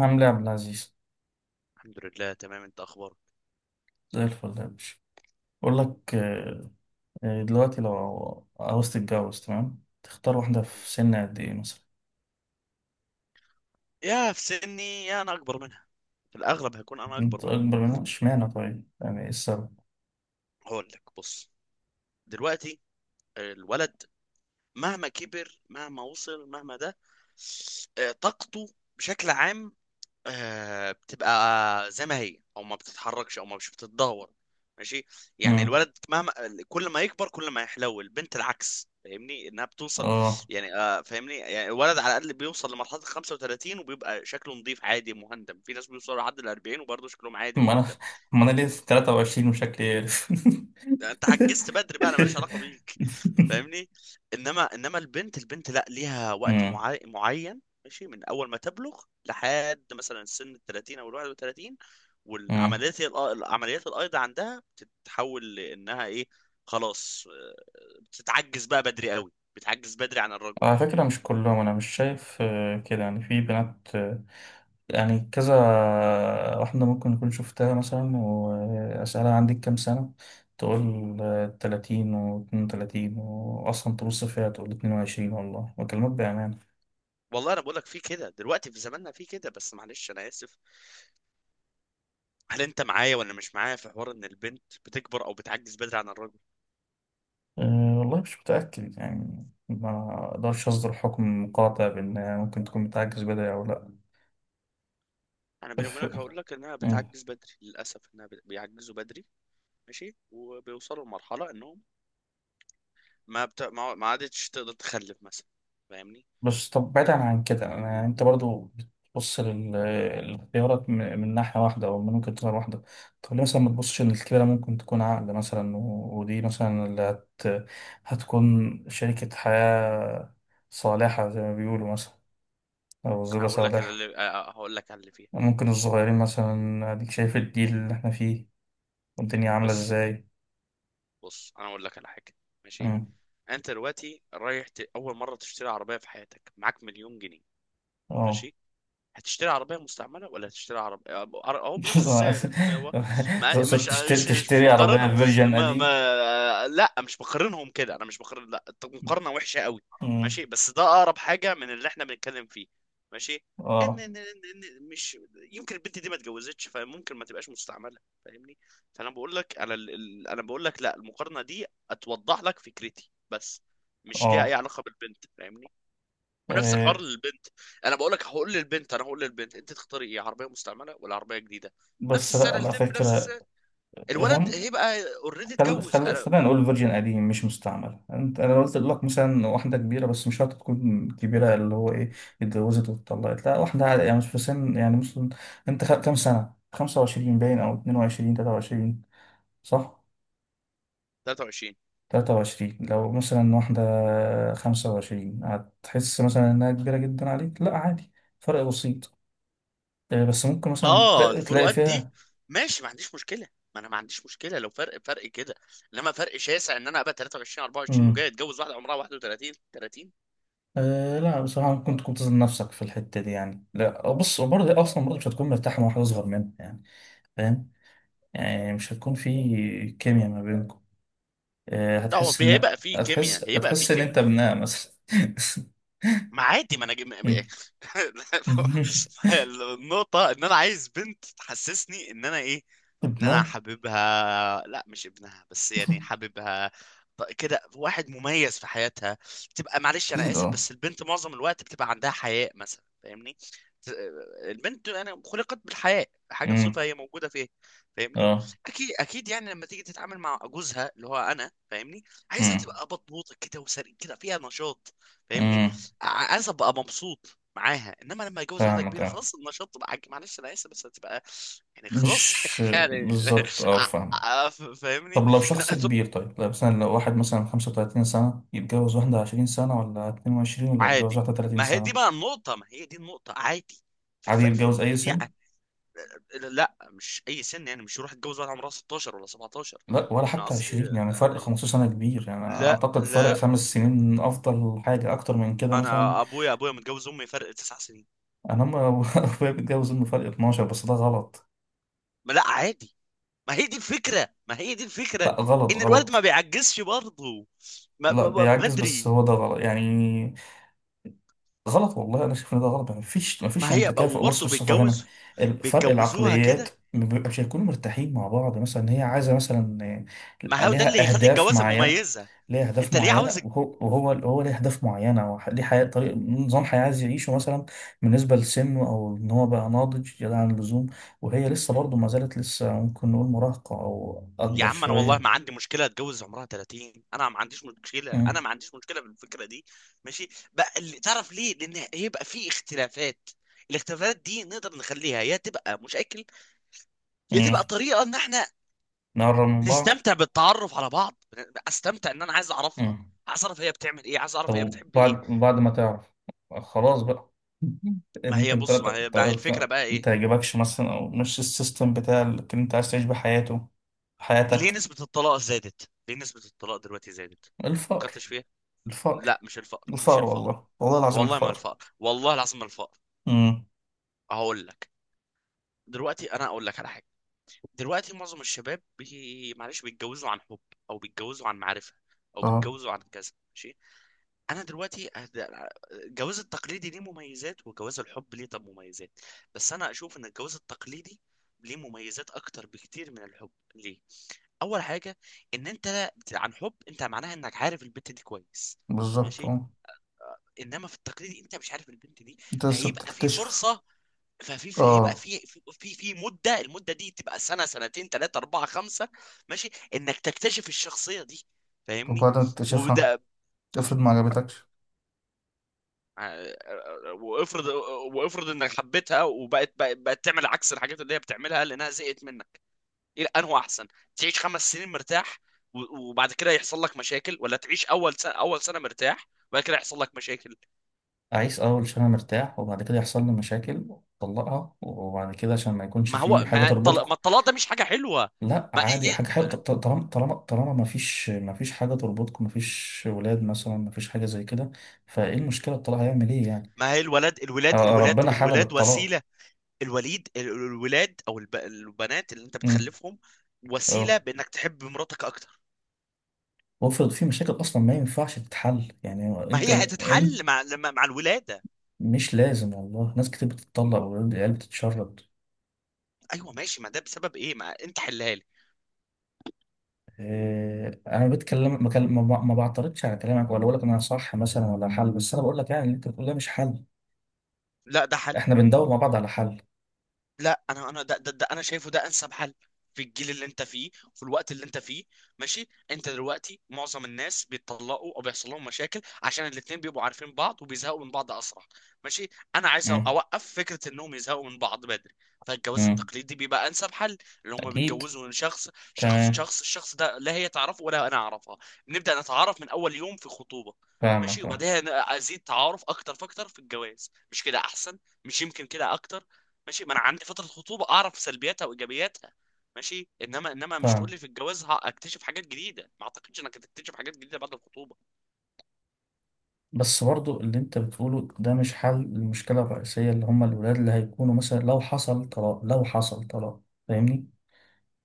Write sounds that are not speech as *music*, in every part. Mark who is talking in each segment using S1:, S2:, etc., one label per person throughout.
S1: عامل ايه يا عبد العزيز؟
S2: الحمد لله تمام، انت اخبارك؟
S1: زي الفل يا باشا. بقول لك دلوقتي لو عاوز تتجوز تمام، تختار واحدة في سن قد ايه مثلا؟
S2: يا في سني يا انا اكبر منها. في الاغلب هكون انا اكبر
S1: انت
S2: منها.
S1: اكبر منها اشمعنى؟ طيب يعني ايه السبب؟
S2: هقول لك، بص. دلوقتي الولد مهما كبر مهما وصل مهما ده طاقته بشكل عام بتبقى زي ما هي، او ما بتتحركش، او ما مش بتتدهور. ماشي. يعني
S1: امم
S2: الولد مهما كل ما يكبر كل ما يحلو، البنت العكس، فاهمني؟ انها بتوصل،
S1: اه
S2: يعني فاهمني؟ يعني الولد على الاقل بيوصل لمرحله ال 35 وبيبقى شكله نظيف عادي مهندم. في ناس بيوصلوا لحد ال 40 وبرضه شكلهم
S1: *laughs*
S2: عادي
S1: ما انا
S2: مهندم.
S1: ما انا ليه 23 وشكلي عارف.
S2: يعني انت عجزت بدري بقى، انا ماليش علاقه بيك. فاهمني؟
S1: *laughs*
S2: انما البنت، لا، ليها وقت معين، ماشي، من اول ما تبلغ لحد مثلا سن ال 30 او ال 31،
S1: امم
S2: والعمليات الايض عندها بتتحول لانها ايه؟ خلاص بتتعجز بقى بدري قوي، بتعجز بدري عن الرجل،
S1: على فكرة
S2: فاهمني؟
S1: مش كلهم. أنا مش شايف كده، يعني في بنات يعني كذا. واحدة ممكن أكون شفتها مثلا وأسألها، عندك كام سنة؟ تقول 30، واتنين وتلاتين، وأصلا تبص فيها تقول 22، والله بكلمك بأمانة.
S2: والله انا بقول لك في كده دلوقتي، في زماننا في كده، بس معلش انا اسف، هل انت معايا ولا مش معايا في حوار ان البنت بتكبر او بتعجز بدري عن الرجل؟
S1: أه والله مش متأكد، يعني ما أقدرش أصدر حكم قاطع بأنها ممكن تكون بتعجز بدري أو لأ.
S2: انا بيني وبينك هقول لك انها
S1: ف...
S2: بتعجز بدري، للاسف انها بيعجزوا بدري. ماشي، وبيوصلوا لمرحله انهم ما بت... ما ما عادتش تقدر تخلف مثلا، فاهمني؟
S1: بس طب، بعيدا
S2: لا،
S1: عن كده، أنا انت برضو بتبص للاختيارات من ناحية واحدة، او من ممكن تكون واحدة. طب ليه مثلا ما تبصش ان الكبيرة ممكن تكون عقل مثلا ودي مثلا هتكون شريكة حياة صالحة زي ما بيقولوا مثلا، او
S2: انا
S1: زوجة
S2: هقول لك على
S1: صالحة.
S2: اللي هقول لك على اللي فيها.
S1: ممكن الصغيرين مثلا اديك شايف الجيل اللي احنا فيه والدنيا عاملة
S2: بص،
S1: ازاي.
S2: انا هقول لك على حاجه، ماشي.
S1: مم.
S2: انت دلوقتي رايح اول مره تشتري عربيه في حياتك، معاك مليون جنيه،
S1: اه.
S2: ماشي، هتشتري عربية مستعملة ولا هتشتري عربية هو بنفس السعر، انت هو
S1: *laughs*
S2: ما
S1: تقصد
S2: مش
S1: تشتري
S2: مش مش
S1: تشتري
S2: بقارنهم.
S1: عربية فيرجن
S2: ما
S1: قديم؟
S2: ما لا، مش بقارنهم كده، انا مش بقارن، لا، مقارنة وحشة قوي،
S1: مم.
S2: ماشي، بس ده اقرب حاجة من اللي احنا بنتكلم فيه. ماشي،
S1: اه،
S2: مش يمكن البنت دي ما اتجوزتش، فممكن ما تبقاش مستعملة، فاهمني؟ فانا بقول لك، انا بقول لك لا، المقارنة دي اتوضح لك فكرتي بس، مش ليها اي
S1: اه،
S2: علاقة بالبنت، فاهمني؟ ونفس
S1: آه،
S2: الحوار للبنت. انا بقول لك، هقول للبنت انت تختاري ايه، عربيه مستعمله ولا عربيه جديده؟ نفس
S1: بس لا،
S2: السعر
S1: على
S2: الاثنين بنفس
S1: فكرة.
S2: السعر. الولد
S1: هم.
S2: هيبقى اوريدي اتجوز انا.
S1: خلينا نقول فيرجن قديم، مش مستعمل. انت انا قلت لك مثلا واحدة كبيرة، بس مش شرط تكون كبيرة. اللي هو ايه، اتجوزت واتطلقت، لا واحدة عادي، يعني مش في سن يعني مثلا. انت كام سنة؟ 25 باين، او 22، 23، صح؟
S2: 23.
S1: 23، لو مثلا واحدة 25، هتحس مثلا انها كبيرة جدا عليك؟ لا، عادي، فرق بسيط. بس ممكن مثلا
S2: اه،
S1: تلاقي
S2: الفروقات دي
S1: فيها.
S2: ماشي، ما عنديش مشكله، ما انا ما عنديش مشكله لو فرق فرق كده. انما فرق شاسع ان انا ابقى 23 24 وجاي اتجوز واحده عمرها 31 30،
S1: أه لا، بصراحة ممكن تكون تظلم نفسك في الحتة دي يعني. لا بص، برضه أصلا برضه مش هتكون مرتاح مع واحد أصغر منك يعني، فاهم. يعني مش هتكون في كيمياء ما بينكم. أه،
S2: لا. هو
S1: هتحس إن
S2: هيبقى في كيمياء، هيبقى في كيمياء،
S1: أنت ابنها مثلا.
S2: ما عادي، ما انا جم...
S1: *laughs*
S2: *laughs* النقطة ان انا عايز بنت تحسسني ان انا ايه، ان انا
S1: ابنها.
S2: حاببها، لا مش ابنها، بس يعني حاببها. كده واحد مميز في حياتها. تبقى معلش انا
S1: أكيد،
S2: اسف
S1: أه.
S2: بس البنت معظم الوقت بتبقى عندها حياء مثلا، فاهمني؟ ت- البنت انا خلقت بالحياء، حاجة صفة
S1: أمم،
S2: هي موجودة فيها، فاهمني؟
S1: أه.
S2: اكيد، يعني لما تيجي تتعامل مع جوزها اللي هو انا، فاهمني؟ عايزها
S1: أمم،
S2: تبقى بطبوطة كده، وسريع كده، فيها نشاط، فاهمني؟
S1: أمم،
S2: عايز ابقى مبسوط معاها، انما لما اتجوز واحده
S1: فاهمك،
S2: كبيره،
S1: أه.
S2: خلاص النشاط بقى معلش انا اسف بس هتبقى يعني خلاص
S1: مش
S2: *laughs* يعني.
S1: بالظبط، أه
S2: ع-
S1: فاهمك.
S2: فاهمني؟
S1: طب لو شخص كبير،
S2: هتبقى
S1: طيب لو مثلا لو واحد مثلا 35 سنة يتجوز واحدة 20 سنة، ولا 22، ولا يتجوز
S2: عادي.
S1: واحدة 30
S2: ما هي دي
S1: سنة؟
S2: بقى النقطه، ما هي دي النقطه عادي. في
S1: عادي
S2: الف... في
S1: يتجوز أي
S2: في دي
S1: سن؟
S2: ع- لا، مش اي سن، يعني مش يروح يتجوز واحده عمرها 16 ولا 17.
S1: لا، ولا
S2: انا
S1: حتى
S2: قصدي
S1: 20. يعني فرق
S2: يعني
S1: 15 سنة كبير، يعني
S2: لا،
S1: أعتقد فرق 5 سنين أفضل حاجة، أكتر من كده مثلا.
S2: انا ابويا متجوز امي فرق تسع سنين.
S1: أنا ما *laughs* أبويا بيتجوز إنه فرق 12، بس ده غلط.
S2: ما لا عادي. ما هي دي الفكرة،
S1: لا، غلط
S2: ان الولد ما
S1: غلط.
S2: بيعجزش برضه
S1: لا بيعجز، بس
S2: بدري.
S1: هو ده غلط يعني. غلط والله، انا شايف ان ده غلط. ما فيش
S2: ما
S1: يعني
S2: هي
S1: تكافؤ. بص
S2: وبرضه
S1: بص، افهمك.
S2: بيتجوز،
S1: فرق
S2: بيتجوزوها
S1: العقليات
S2: كده.
S1: ما بيبقى- مش هيكونوا مرتاحين مع بعض مثلا. هي عايزه مثلا
S2: ما هو ده اللي
S1: ليها
S2: هيخلي
S1: اهداف
S2: الجوازة
S1: معينه.
S2: مميزة.
S1: ليها اهداف
S2: انت ليه عاوز
S1: معينه، وهو وهو هو ليه اهداف معينه، ليه حياه، طريق، نظام حياه عايز يعيشه مثلا، بالنسبه لسنه. او ان هو بقى ناضج زياده عن اللزوم، وهي لسه برضه ما زالت لسه ممكن نقول مراهقه او
S2: يا
S1: اكبر
S2: عم انا والله ما
S1: شويه.
S2: عندي مشكلة اتجوز عمرها 30، انا ما عنديش مشكلة، انا
S1: امم
S2: ما عنديش مشكلة بالفكرة دي. ماشي بقى؟ اللي تعرف ليه، لان هيبقى في اختلافات، الاختلافات دي نقدر نخليها يا تبقى مشاكل، يا تبقى
S1: امم
S2: طريقة ان احنا
S1: نقرب من بعض.
S2: نستمتع بالتعرف على بعض. استمتع، ان انا عايز اعرفها، عايز اعرف هي بتعمل ايه، عايز
S1: طب،
S2: اعرف هي بتحب ايه.
S1: وبعد ما تعرف خلاص بقى،
S2: ما هي
S1: ممكن
S2: بص، ما
S1: تلاتة
S2: هي ما هي الفكره
S1: تلاتة
S2: بقى ايه؟
S1: متعجبكش مثلا، أو مش السيستم بتاع اللي أنت عايز تعيش بحياته،
S2: ليه
S1: حياتك.
S2: نسبه الطلاق زادت؟ ليه نسبه الطلاق دلوقتي زادت؟
S1: الفقر.
S2: فكرتش فيها؟
S1: الفقر
S2: لا، مش الفقر،
S1: الفقر. والله والله العظيم،
S2: والله ما
S1: الفقر.
S2: الفقر، والله العظيم ما الفقر.
S1: امم
S2: هقول لك، دلوقتي انا اقول لك على حاجه. دلوقتي معظم الشباب معلش بيتجوزوا عن حب، او بيتجوزوا عن معرفه، او
S1: اه،
S2: بيتجوزوا عن كذا، ماشي. انا دلوقتي الجواز التقليدي ليه مميزات، وجواز الحب ليه طب مميزات، بس انا اشوف ان الجواز التقليدي ليه مميزات اكتر بكتير من الحب ليه. اول حاجه، ان انت عن حب، انت معناها انك عارف البنت دي كويس،
S1: بالظبط
S2: ماشي،
S1: اه.
S2: انما في التقليدي انت مش عارف البنت دي،
S1: أنت لسه
S2: فهيبقى في
S1: بتكتشف.
S2: فرصه، ففي في هيبقى
S1: اه،
S2: في في في في مده، المده دي تبقى سنه، سنتين، ثلاثه، اربعه، خمسه، ماشي، انك تكتشف الشخصيه دي، فاهمني؟
S1: وبعد ما تكتشفها،
S2: وده
S1: افرض ما عجبتكش.
S2: وافرض، انك حبيتها وبقت، بقت تعمل عكس الحاجات اللي هي بتعملها لانها زهقت منك. ايه انه احسن؟ تعيش خمس سنين مرتاح وبعد كده يحصل لك مشاكل، ولا تعيش اول سنه، اول سنه مرتاح وبعد كده يحصل لك مشاكل؟
S1: عايز أول عشان أنا مرتاح، وبعد كده يحصل لي مشاكل؟ طلقها، وبعد كده عشان ما يكونش
S2: ما
S1: في
S2: هو
S1: حاجة
S2: ما الطلاق ما
S1: تربطكم.
S2: الطلاق ده مش حاجه حلوه.
S1: لا
S2: ما إيه،
S1: عادي، حاجة حلوة، طالما ما فيش حاجة تربطكم، ما فيش ولاد مثلا، ما فيش حاجة زي كده، فايه المشكلة؟ الطلاق هيعمل ايه يعني؟
S2: ما هي الولد،
S1: ربنا حلل
S2: الولاد
S1: الطلاق.
S2: وسيله. الوليد، الولاد او البنات اللي انت
S1: امم
S2: بتخلفهم وسيله
S1: اه.
S2: بانك تحب مراتك اكتر.
S1: وافرض في مشاكل اصلا ما ينفعش تتحل، يعني
S2: ما
S1: انت
S2: هي هتتحل مع مع الولاده.
S1: مش لازم. والله ناس كتير بتتطلق والعيال بتتشرد.
S2: ايوه ماشي، ما ده بسبب ايه؟ ما انت حلها لي.
S1: انا بتكلم، ما كان- ما ب- ما بعترضش على كلامك ولا بقول لك ان انا صح مثلا ولا حل، بس انا بقول لك يعني اللي انت بتقول ده مش حل.
S2: لا، ده حل.
S1: احنا بندور مع بعض على حل.
S2: لا، انا ده انا شايفه ده انسب حل في الجيل اللي انت فيه، في الوقت اللي انت فيه، ماشي. انت دلوقتي معظم الناس بيتطلقوا او بيحصل لهم مشاكل عشان الاتنين بيبقوا عارفين بعض وبيزهقوا من بعض اسرع، ماشي. انا عايز
S1: امم
S2: اوقف فكرة انهم يزهقوا من بعض بدري، فالجواز
S1: امم
S2: التقليدي بيبقى انسب حل. اللي هم
S1: اكيد.
S2: بيتجوزوا من شخص،
S1: تمام.
S2: الشخص ده لا هي تعرفه ولا انا اعرفها، بنبدأ نتعرف من اول يوم في خطوبة، ماشي،
S1: فاهمك، اه،
S2: وبعدها ازيد تعارف اكتر فاكتر في الجواز، مش كده احسن؟ مش يمكن كده اكتر؟ ماشي، ما انا عندي فتره خطوبه اعرف سلبياتها وايجابياتها، ماشي. انما مش تقول
S1: فاهم.
S2: لي في الجواز هكتشف حاجات جديده، ما اعتقدش انك هتكتشف حاجات جديده بعد الخطوبه.
S1: بس برضو اللي انت بتقوله ده مش حل للمشكلة الرئيسية، اللي هم الولاد اللي هيكونوا مثلا لو حصل طلاق فاهمني؟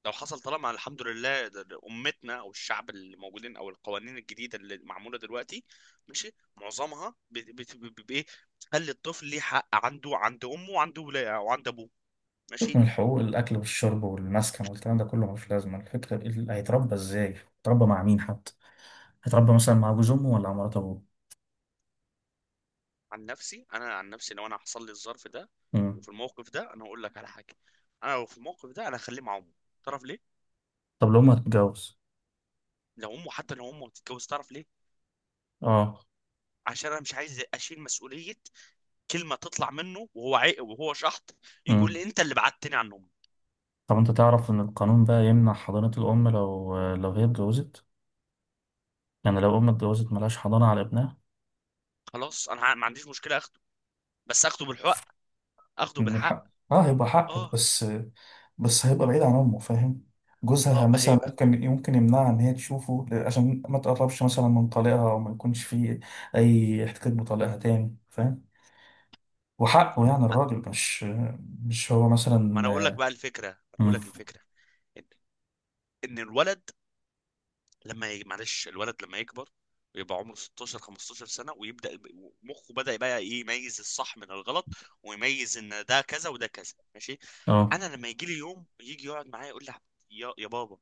S2: لو حصل، طالما الحمد لله ده امتنا، او الشعب اللي موجودين، او القوانين الجديده اللي معموله دلوقتي، ماشي، معظمها بايه، بتخلي الطفل ليه حق عنده عند امه وعند ولا وعند ابوه،
S1: تكمل
S2: ماشي.
S1: الحقوق، الأكل والشرب والمسكن والكلام ده كله ملوش لازمة. الفكرة، اللي هيتربى ازاي؟ هيتربى مع مين حتى؟ هيتربى مثلا مع جوز أمه ولا مع مرات أبوه؟
S2: عن نفسي، لو انا حصل لي الظرف ده،
S1: مم.
S2: وفي الموقف ده، انا هقول لك على حاجه. انا لو في الموقف ده انا هخليه مع امه، تعرف ليه؟
S1: طب لو أمه هتتجوز؟
S2: لو امه، حتى لو امه هتتجوز، تعرف ليه؟
S1: اه.
S2: عشان انا مش عايز اشيل مسؤوليه، كلمه تطلع منه وهو عيق وهو شحط يقول
S1: مم.
S2: لي انت اللي بعدتني عن امي.
S1: طب انت تعرف ان القانون بقى يمنع حضانة الأم لو هي اتجوزت؟ يعني لو أم اتجوزت ملهاش حضانة على ابنها.
S2: خلاص، انا ما عنديش مشكله اخده، بس اخده بالحق، اخده
S1: من
S2: بالحق
S1: حق، اه، هيبقى حقك
S2: اه.
S1: بس. بس هيبقى بعيد عن امه، فاهم. جوزها
S2: اه، ما
S1: مثلا
S2: هيبقى،
S1: ممكن يمنعها ان هي تشوفه عشان ما تقربش مثلا من طليقها، وما يكونش فيه اي احتكاك بطليقها تاني، فاهم. وحقه، يعني الراجل مش مش هو
S2: ما انا اقول لك
S1: مثلا.
S2: بقى الفكره، ما انا اقول لك
S1: مم.
S2: الفكره ان ان الولد معلش الولد لما يكبر ويبقى عمره 16 15 سنة ويبدأ مخه بدأ بقى ايه يميز الصح من الغلط، ويميز ان ده كذا وده كذا، ماشي.
S1: اه،
S2: انا لما يجي لي يوم يجي يقعد معايا يقول لي يا بابا،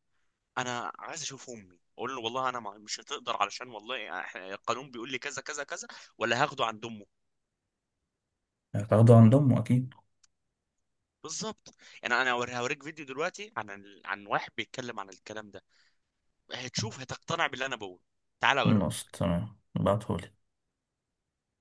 S2: انا عايز اشوف امي، اقول له والله انا مش هتقدر، علشان والله إحنا القانون بيقول لي كذا كذا كذا، ولا هاخده عند امه؟
S1: هتاخده عند امه اكيد.
S2: بالظبط. يعني انا هوريك فيديو دلوقتي عن عن واحد بيتكلم عن الكلام ده، هتشوف هتقتنع باللي انا بقوله، تعالى
S1: خلاص
S2: اوريك.
S1: تمام، ابعتهولي.